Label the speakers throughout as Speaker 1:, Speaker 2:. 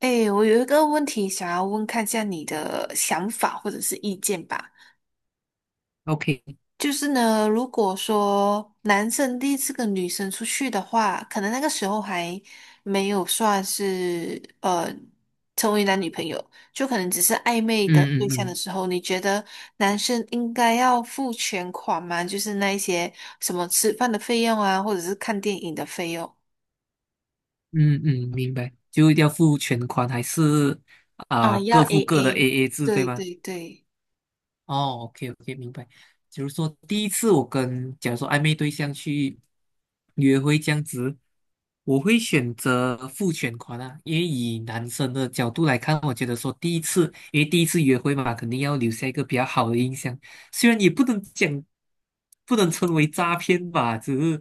Speaker 1: 哎，我有一个问题想要问，看一下你的想法或者是意见吧。
Speaker 2: OK，
Speaker 1: 就是呢，如果说男生第一次跟女生出去的话，可能那个时候还没有算是成为男女朋友，就可能只是暧昧的
Speaker 2: 嗯
Speaker 1: 对
Speaker 2: 嗯
Speaker 1: 象的
Speaker 2: 嗯
Speaker 1: 时候，你觉得男生应该要付全款吗？就是那一些什么吃饭的费用啊，或者是看电影的费用
Speaker 2: 嗯嗯，明白，就一定要付全款还是啊、
Speaker 1: 啊，要
Speaker 2: 各付各的
Speaker 1: AA。
Speaker 2: AA 制对
Speaker 1: 对
Speaker 2: 吗？
Speaker 1: 对对，
Speaker 2: 哦，OK OK，明白。就是说，第一次我跟假如说暧昧对象去约会这样子，我会选择付全款啊，因为以男生的角度来看，我觉得说第一次，因为第一次约会嘛，肯定要留下一个比较好的印象。虽然也不能讲，不能称为诈骗吧，只是，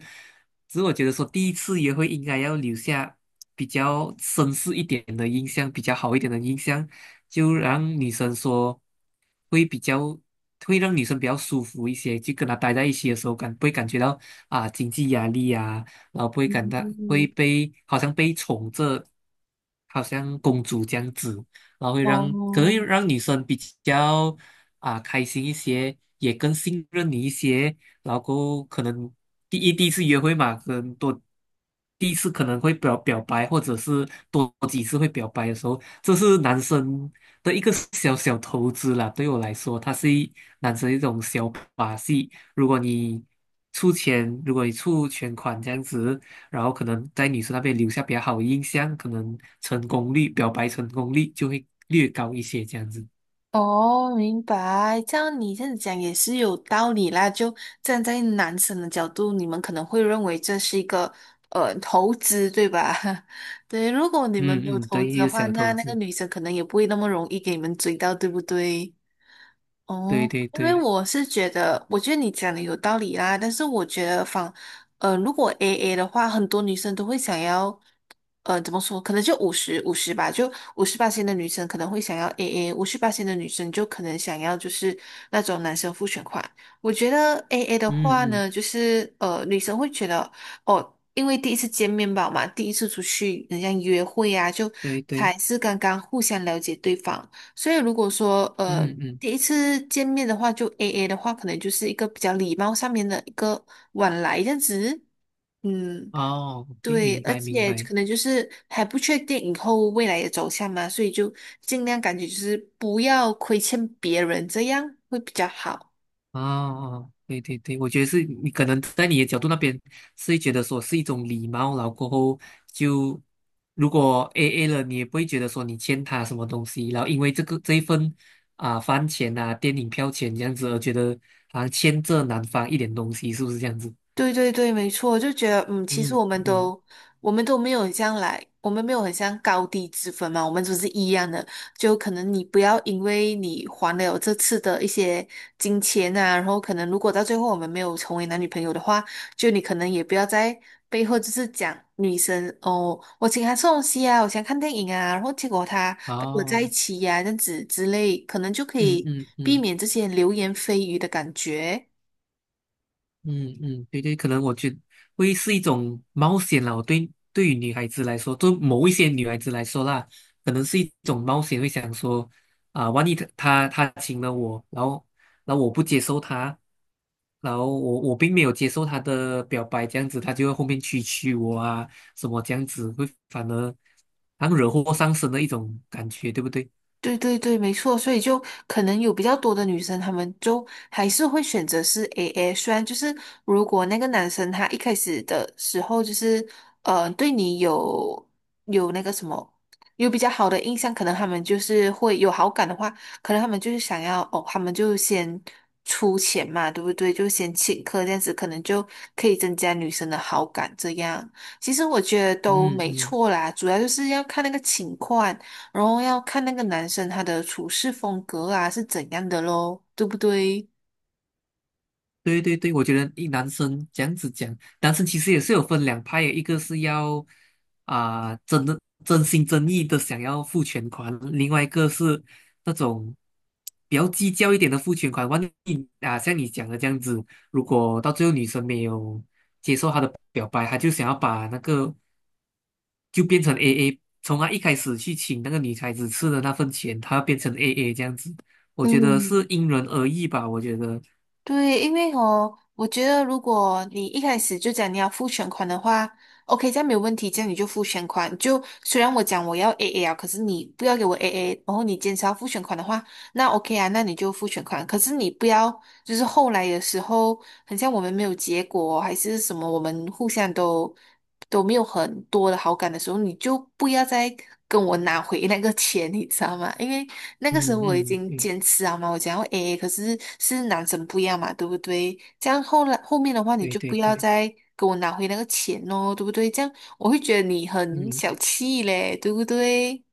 Speaker 2: 只是我觉得说第一次约会应该要留下比较绅士一点的印象，比较好一点的印象。就让女生说会比较会让女生比较舒服一些，就跟他待在一起的时候不会感觉到啊经济压力啊，然后不会感到会
Speaker 1: 嗯，
Speaker 2: 被好像被宠着，好像公主这样子，然后会让可能会
Speaker 1: 哦。
Speaker 2: 让女生比较啊开心一些，也更信任你一些，然后可能第一次约会嘛，可能多。第一次可能会表白，或者是多几次会表白的时候，这是男生的一个小小投资啦，对我来说，它是男生一种小把戏。如果你出钱，如果你出全款这样子，然后可能在女生那边留下比较好的印象，可能成功率、表白成功率就会略高一些这样子。
Speaker 1: 哦，明白。这样你这样讲也是有道理啦。就站在男生的角度，你们可能会认为这是一个投资，对吧？对，如果你们没有
Speaker 2: 嗯嗯，
Speaker 1: 投
Speaker 2: 对，
Speaker 1: 资
Speaker 2: 一
Speaker 1: 的
Speaker 2: 个
Speaker 1: 话，
Speaker 2: 小投
Speaker 1: 那个
Speaker 2: 资，
Speaker 1: 女生可能也不会那么容易给你们追到，对不对？
Speaker 2: 对
Speaker 1: 哦，
Speaker 2: 对
Speaker 1: 因为
Speaker 2: 对，
Speaker 1: 我是觉得，我觉得你讲的有道理啦，但是我觉得仿，如果 AA 的话，很多女生都会想要，怎么说？可能就五十五十吧，就五十八线的女生可能会想要 AA，五十八线的女生就可能想要就是那种男生付全款。我觉得 AA 的
Speaker 2: 嗯
Speaker 1: 话
Speaker 2: 嗯，
Speaker 1: 呢，就是女生会觉得哦。因为第一次见面吧嘛，第一次出去，人家约会啊，就
Speaker 2: 对对，
Speaker 1: 才是刚刚互相了解对方。所以如果说
Speaker 2: 嗯嗯，
Speaker 1: 第一次见面的话，就 AA 的话，可能就是一个比较礼貌上面的一个往来这样子。嗯，
Speaker 2: 哦 o
Speaker 1: 对，
Speaker 2: 明
Speaker 1: 而
Speaker 2: 白明
Speaker 1: 且
Speaker 2: 白。
Speaker 1: 可能就是还不确定以后未来的走向嘛，所以就尽量感觉就是不要亏欠别人，这样会比较好。
Speaker 2: 哦，啊啊对对对，我觉得是你可能在你的角度那边是会觉得说是一种礼貌，然后过后就如果 AA 了，你也不会觉得说你欠他什么东西，然后因为这一份啊、饭钱啊、电影票钱这样子而觉得好像欠这男方一点东西，是不是这样子？
Speaker 1: 对对对，没错，就觉得嗯，其实
Speaker 2: 嗯
Speaker 1: 我们
Speaker 2: 嗯，嗯
Speaker 1: 都我们都没有很像来，我们没有很像高低之分嘛，我们都是一样的。就可能你不要因为你还了这次的一些金钱啊，然后可能如果到最后我们没有成为男女朋友的话，就你可能也不要在背后就是讲女生哦，我请她吃东西啊，我想看电影啊，然后结果她跟我在一
Speaker 2: 哦，
Speaker 1: 起呀、这样子之类，可能就可
Speaker 2: 嗯
Speaker 1: 以
Speaker 2: 嗯
Speaker 1: 避
Speaker 2: 嗯。
Speaker 1: 免这些流言蜚语的感觉。
Speaker 2: 嗯嗯，对对，可能我觉得会是一种冒险啦。我对于女孩子来说，对某一些女孩子来说啦，可能是一种冒险，会想说啊、万一她请了我，然后我不接受她，然后我并没有接受她的表白，这样子她就会后面蛐蛐我啊，什么这样子会反而好像惹祸上身的一种感觉，对不对？
Speaker 1: 对对对，没错，所以就可能有比较多的女生，她们就还是会选择是 AA。虽然就是如果那个男生他一开始的时候就是对你有有那个什么有比较好的印象，可能他们就是会有好感的话，可能他们就是想要哦，他们就先出钱嘛，对不对？就先请客这样子，可能就可以增加女生的好感。这样其实我觉得都
Speaker 2: 嗯
Speaker 1: 没
Speaker 2: 嗯。
Speaker 1: 错啦，主要就是要看那个情况。然后要看那个男生他的处事风格啊是怎样的咯，对不对？
Speaker 2: 对对对，我觉得一男生这样子讲，男生其实也是有分两派的，一个是要啊、真的真心真意的想要付全款，另外一个是那种比较计较一点的付全款。万一啊，像你讲的这样子，如果到最后女生没有接受他的表白，他就想要把那个就变成 AA,从他一开始去请那个女孩子吃的那份钱，他变成 AA 这样子。我觉得
Speaker 1: 嗯
Speaker 2: 是因人而异吧。我觉得，
Speaker 1: 对，因为哦，我觉得如果你一开始就讲你要付全款的话，OK，这样没有问题，这样你就付全款。就虽然我讲我要 AA 啊，可是你不要给我 AA，然后你坚持要付全款的话，那 OK 啊，那你就付全款。可是你不要就是后来的时候，很像我们没有结果，还是什么，我们互相都没有很多的好感的时候，你就不要再跟我拿回那个钱，你知道吗？因为那个时
Speaker 2: 嗯
Speaker 1: 候我已
Speaker 2: 嗯，
Speaker 1: 经
Speaker 2: 对
Speaker 1: 坚持了嘛，我讲要 AA，可是是男生不一样嘛，对不对？这样后来后面的话，你
Speaker 2: 对
Speaker 1: 就
Speaker 2: 对
Speaker 1: 不要
Speaker 2: 对，
Speaker 1: 再跟我拿回那个钱哦，对不对？这样我会觉得你很小
Speaker 2: 嗯
Speaker 1: 气嘞，对不对？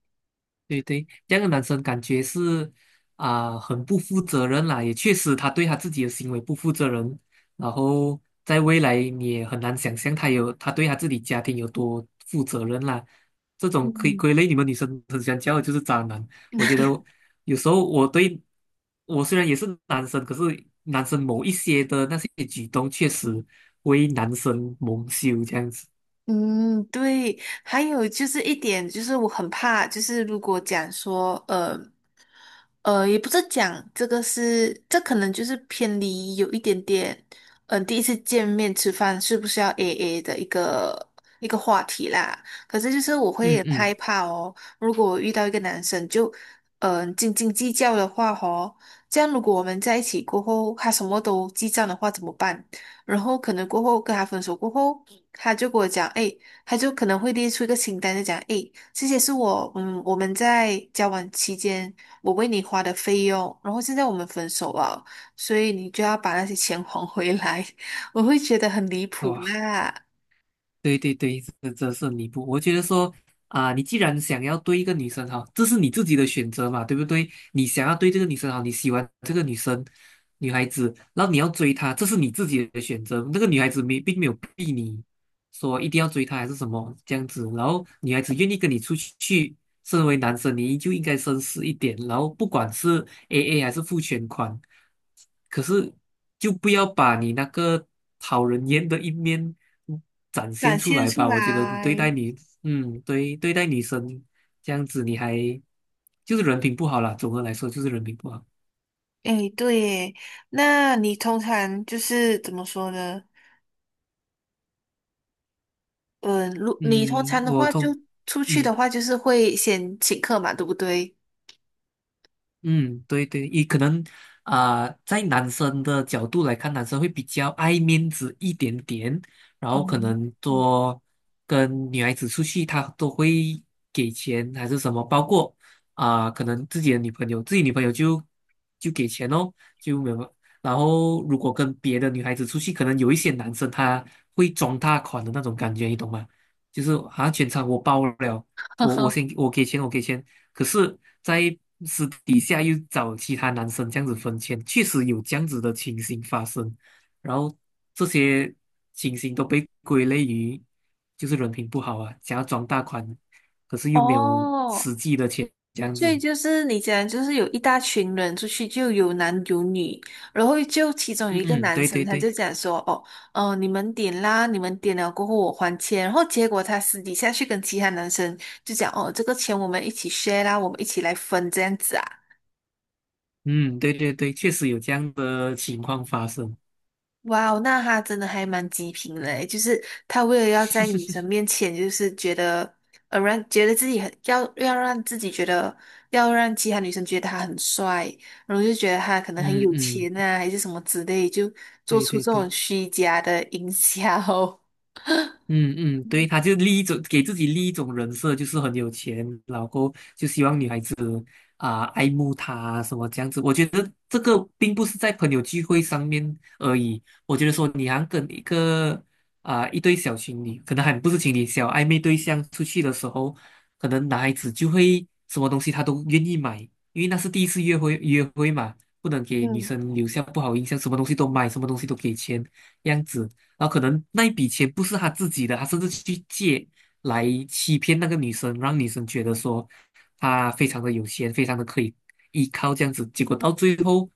Speaker 2: 对对，这样的男生感觉是啊、很不负责任啦，也确实他对他自己的行为不负责任，然后在未来你也很难想象他有他对他自己家庭有多负责任啦。这种可以
Speaker 1: 嗯
Speaker 2: 归类你们女生很喜欢叫的就是渣男，我觉得有时候我虽然也是男生，可是男生某一些的那些举动确实为男生蒙羞这样子。
Speaker 1: 嗯，对，还有就是一点，就是我很怕，就是如果讲说，也不是讲这个是，这可能就是偏离有一点点，嗯、第一次见面吃饭是不是要 AA 的一个话题啦。可是就是我会
Speaker 2: 嗯
Speaker 1: 很
Speaker 2: 嗯，
Speaker 1: 害怕哦，如果我遇到一个男生就，斤斤计较的话哦，这样如果我们在一起过后，他什么都记账的话怎么办？然后可能过后跟他分手过后，他就跟我讲，哎，他就可能会列出一个清单，就讲，诶，这些是我，我们在交往期间我为你花的费用，然后现在我们分手了，所以你就要把那些钱 还回来。我会觉得很离谱
Speaker 2: 哇。
Speaker 1: 啦，
Speaker 2: 对对对，这这是弥补。我觉得说啊、你既然想要对一个女生好，这是你自己的选择嘛，对不对？你想要对这个女生好，你喜欢这个女生，女孩子，然后你要追她，这是你自己的选择。那个女孩子没并没有逼你说一定要追她还是什么这样子，然后女孩子愿意跟你出去，身为男生，你就应该绅士一点，然后不管是 AA 还是付全款，可是就不要把你那个讨人厌的一面嗯展现
Speaker 1: 展
Speaker 2: 出
Speaker 1: 现
Speaker 2: 来
Speaker 1: 出
Speaker 2: 吧。我觉得你对
Speaker 1: 来。
Speaker 2: 待你，嗯，对，对待女生这样子，你还就是人品不好啦。总的来说，就是人品不好。
Speaker 1: 诶，对耶，那你通常就是怎么说呢？嗯，如你通
Speaker 2: 嗯，
Speaker 1: 常的
Speaker 2: 我
Speaker 1: 话就
Speaker 2: 通，
Speaker 1: 出去的
Speaker 2: 嗯。
Speaker 1: 话，就是会先请客嘛，对不对？
Speaker 2: 嗯，对对，也可能啊、呃在男生的角度来看，男生会比较爱面子一点点，然后可
Speaker 1: 嗯，
Speaker 2: 能
Speaker 1: 嗯
Speaker 2: 多跟女孩子出去，他都会给钱还是什么，包括啊、可能自己的女朋友，自己女朋友就给钱哦，就没有。然后如果跟别的女孩子出去，可能有一些男生他会装大款的那种感觉，你懂吗？就是好像全场我包了，我先我给钱，我给钱。可是，在私底下又找其他男生这样子分钱，确实有这样子的情形发生。然后这些情形都被归类于就是人品不好啊，想要装大款，可是 又没有
Speaker 1: 哦，
Speaker 2: 实际的钱这样
Speaker 1: 所以
Speaker 2: 子。
Speaker 1: 就是你讲，就是有一大群人出去，就有男有女，然后就其中有一个
Speaker 2: 嗯，
Speaker 1: 男
Speaker 2: 对
Speaker 1: 生，
Speaker 2: 对
Speaker 1: 他
Speaker 2: 对，
Speaker 1: 就讲说，哦，你们点啦，你们点了过后我还钱，然后结果他私底下去跟其他男生就讲，哦，这个钱我们一起 share 啦，我们一起来分这样子啊。
Speaker 2: 嗯，对对对，确实有这样的情况发生。
Speaker 1: 哇哦，那他真的还蛮极品嘞！就是他为了要在女生面前，就是觉得，呃，让觉得自己很要要让自己觉得，要让其他女生觉得他很帅，然后就觉得他可能很
Speaker 2: 嗯
Speaker 1: 有
Speaker 2: 嗯，
Speaker 1: 钱啊，还是什么之类，就做
Speaker 2: 对
Speaker 1: 出
Speaker 2: 对
Speaker 1: 这
Speaker 2: 对，
Speaker 1: 种虚假的营销。
Speaker 2: 嗯嗯，对，他就立一种给自己立一种人设，就是很有钱，然后就希望女孩子。啊、爱慕他啊什么这样子。我觉得这个并不是在朋友聚会上面而已，我觉得说你好像跟一个啊、一对小情侣，可能还不是情侣，小暧昧对象出去的时候，可能男孩子就会什么东西他都愿意买，因为那是第一次约会嘛。不能 给女
Speaker 1: 嗯。
Speaker 2: 生留下不好印象，什么东西都买，什么东西都给钱，这样子。然后可能那一笔钱不是他自己的，他甚至去借，来欺骗那个女生，让女生觉得说他非常的有钱，非常的可以依靠这样子。结果到最后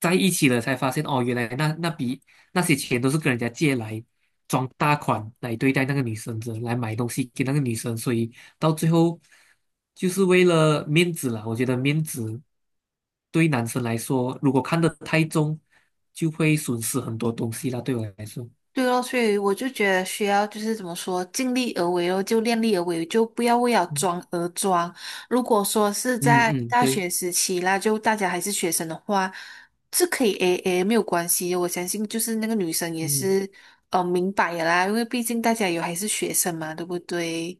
Speaker 2: 在一起了，才发现哦，原来那笔那些钱都是跟人家借来装大款来对待那个女生的，来买东西给那个女生。所以到最后就是为了面子啦，我觉得面子对男生来说，如果看得太重，就会损失很多东西啦。对我来说，
Speaker 1: 对哦，所以我就觉得需要就是怎么说，尽力而为哦，就量力而为，就不要为了
Speaker 2: 嗯
Speaker 1: 装而装。如果说是
Speaker 2: 嗯
Speaker 1: 在
Speaker 2: 嗯，
Speaker 1: 大
Speaker 2: 对，
Speaker 1: 学时期啦，就大家还是学生的话，是可以 AA 没有关系的我相信就是那个女生也
Speaker 2: 嗯。
Speaker 1: 是明白的啦，因为毕竟大家有还是学生嘛，对不对？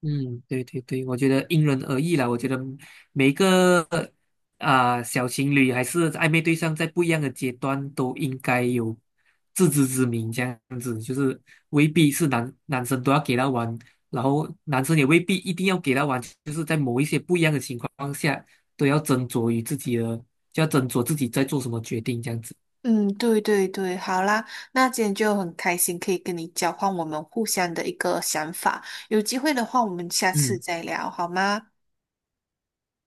Speaker 2: 嗯，对对对，我觉得因人而异啦。我觉得每个啊、小情侣还是暧昧对象，在不一样的阶段都应该有自知之明，这样子就是未必是男生都要给他玩，然后男生也未必一定要给他玩，就是在某一些不一样的情况下，都要斟酌于自己的，就要斟酌自己在做什么决定，这样子。
Speaker 1: 嗯，对对对，好啦，那今天就很开心可以跟你交换我们互相的一个想法，有机会的话我们下次
Speaker 2: 嗯，
Speaker 1: 再聊好吗？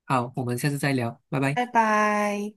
Speaker 2: 好，我们下次再聊，拜拜。
Speaker 1: 拜拜。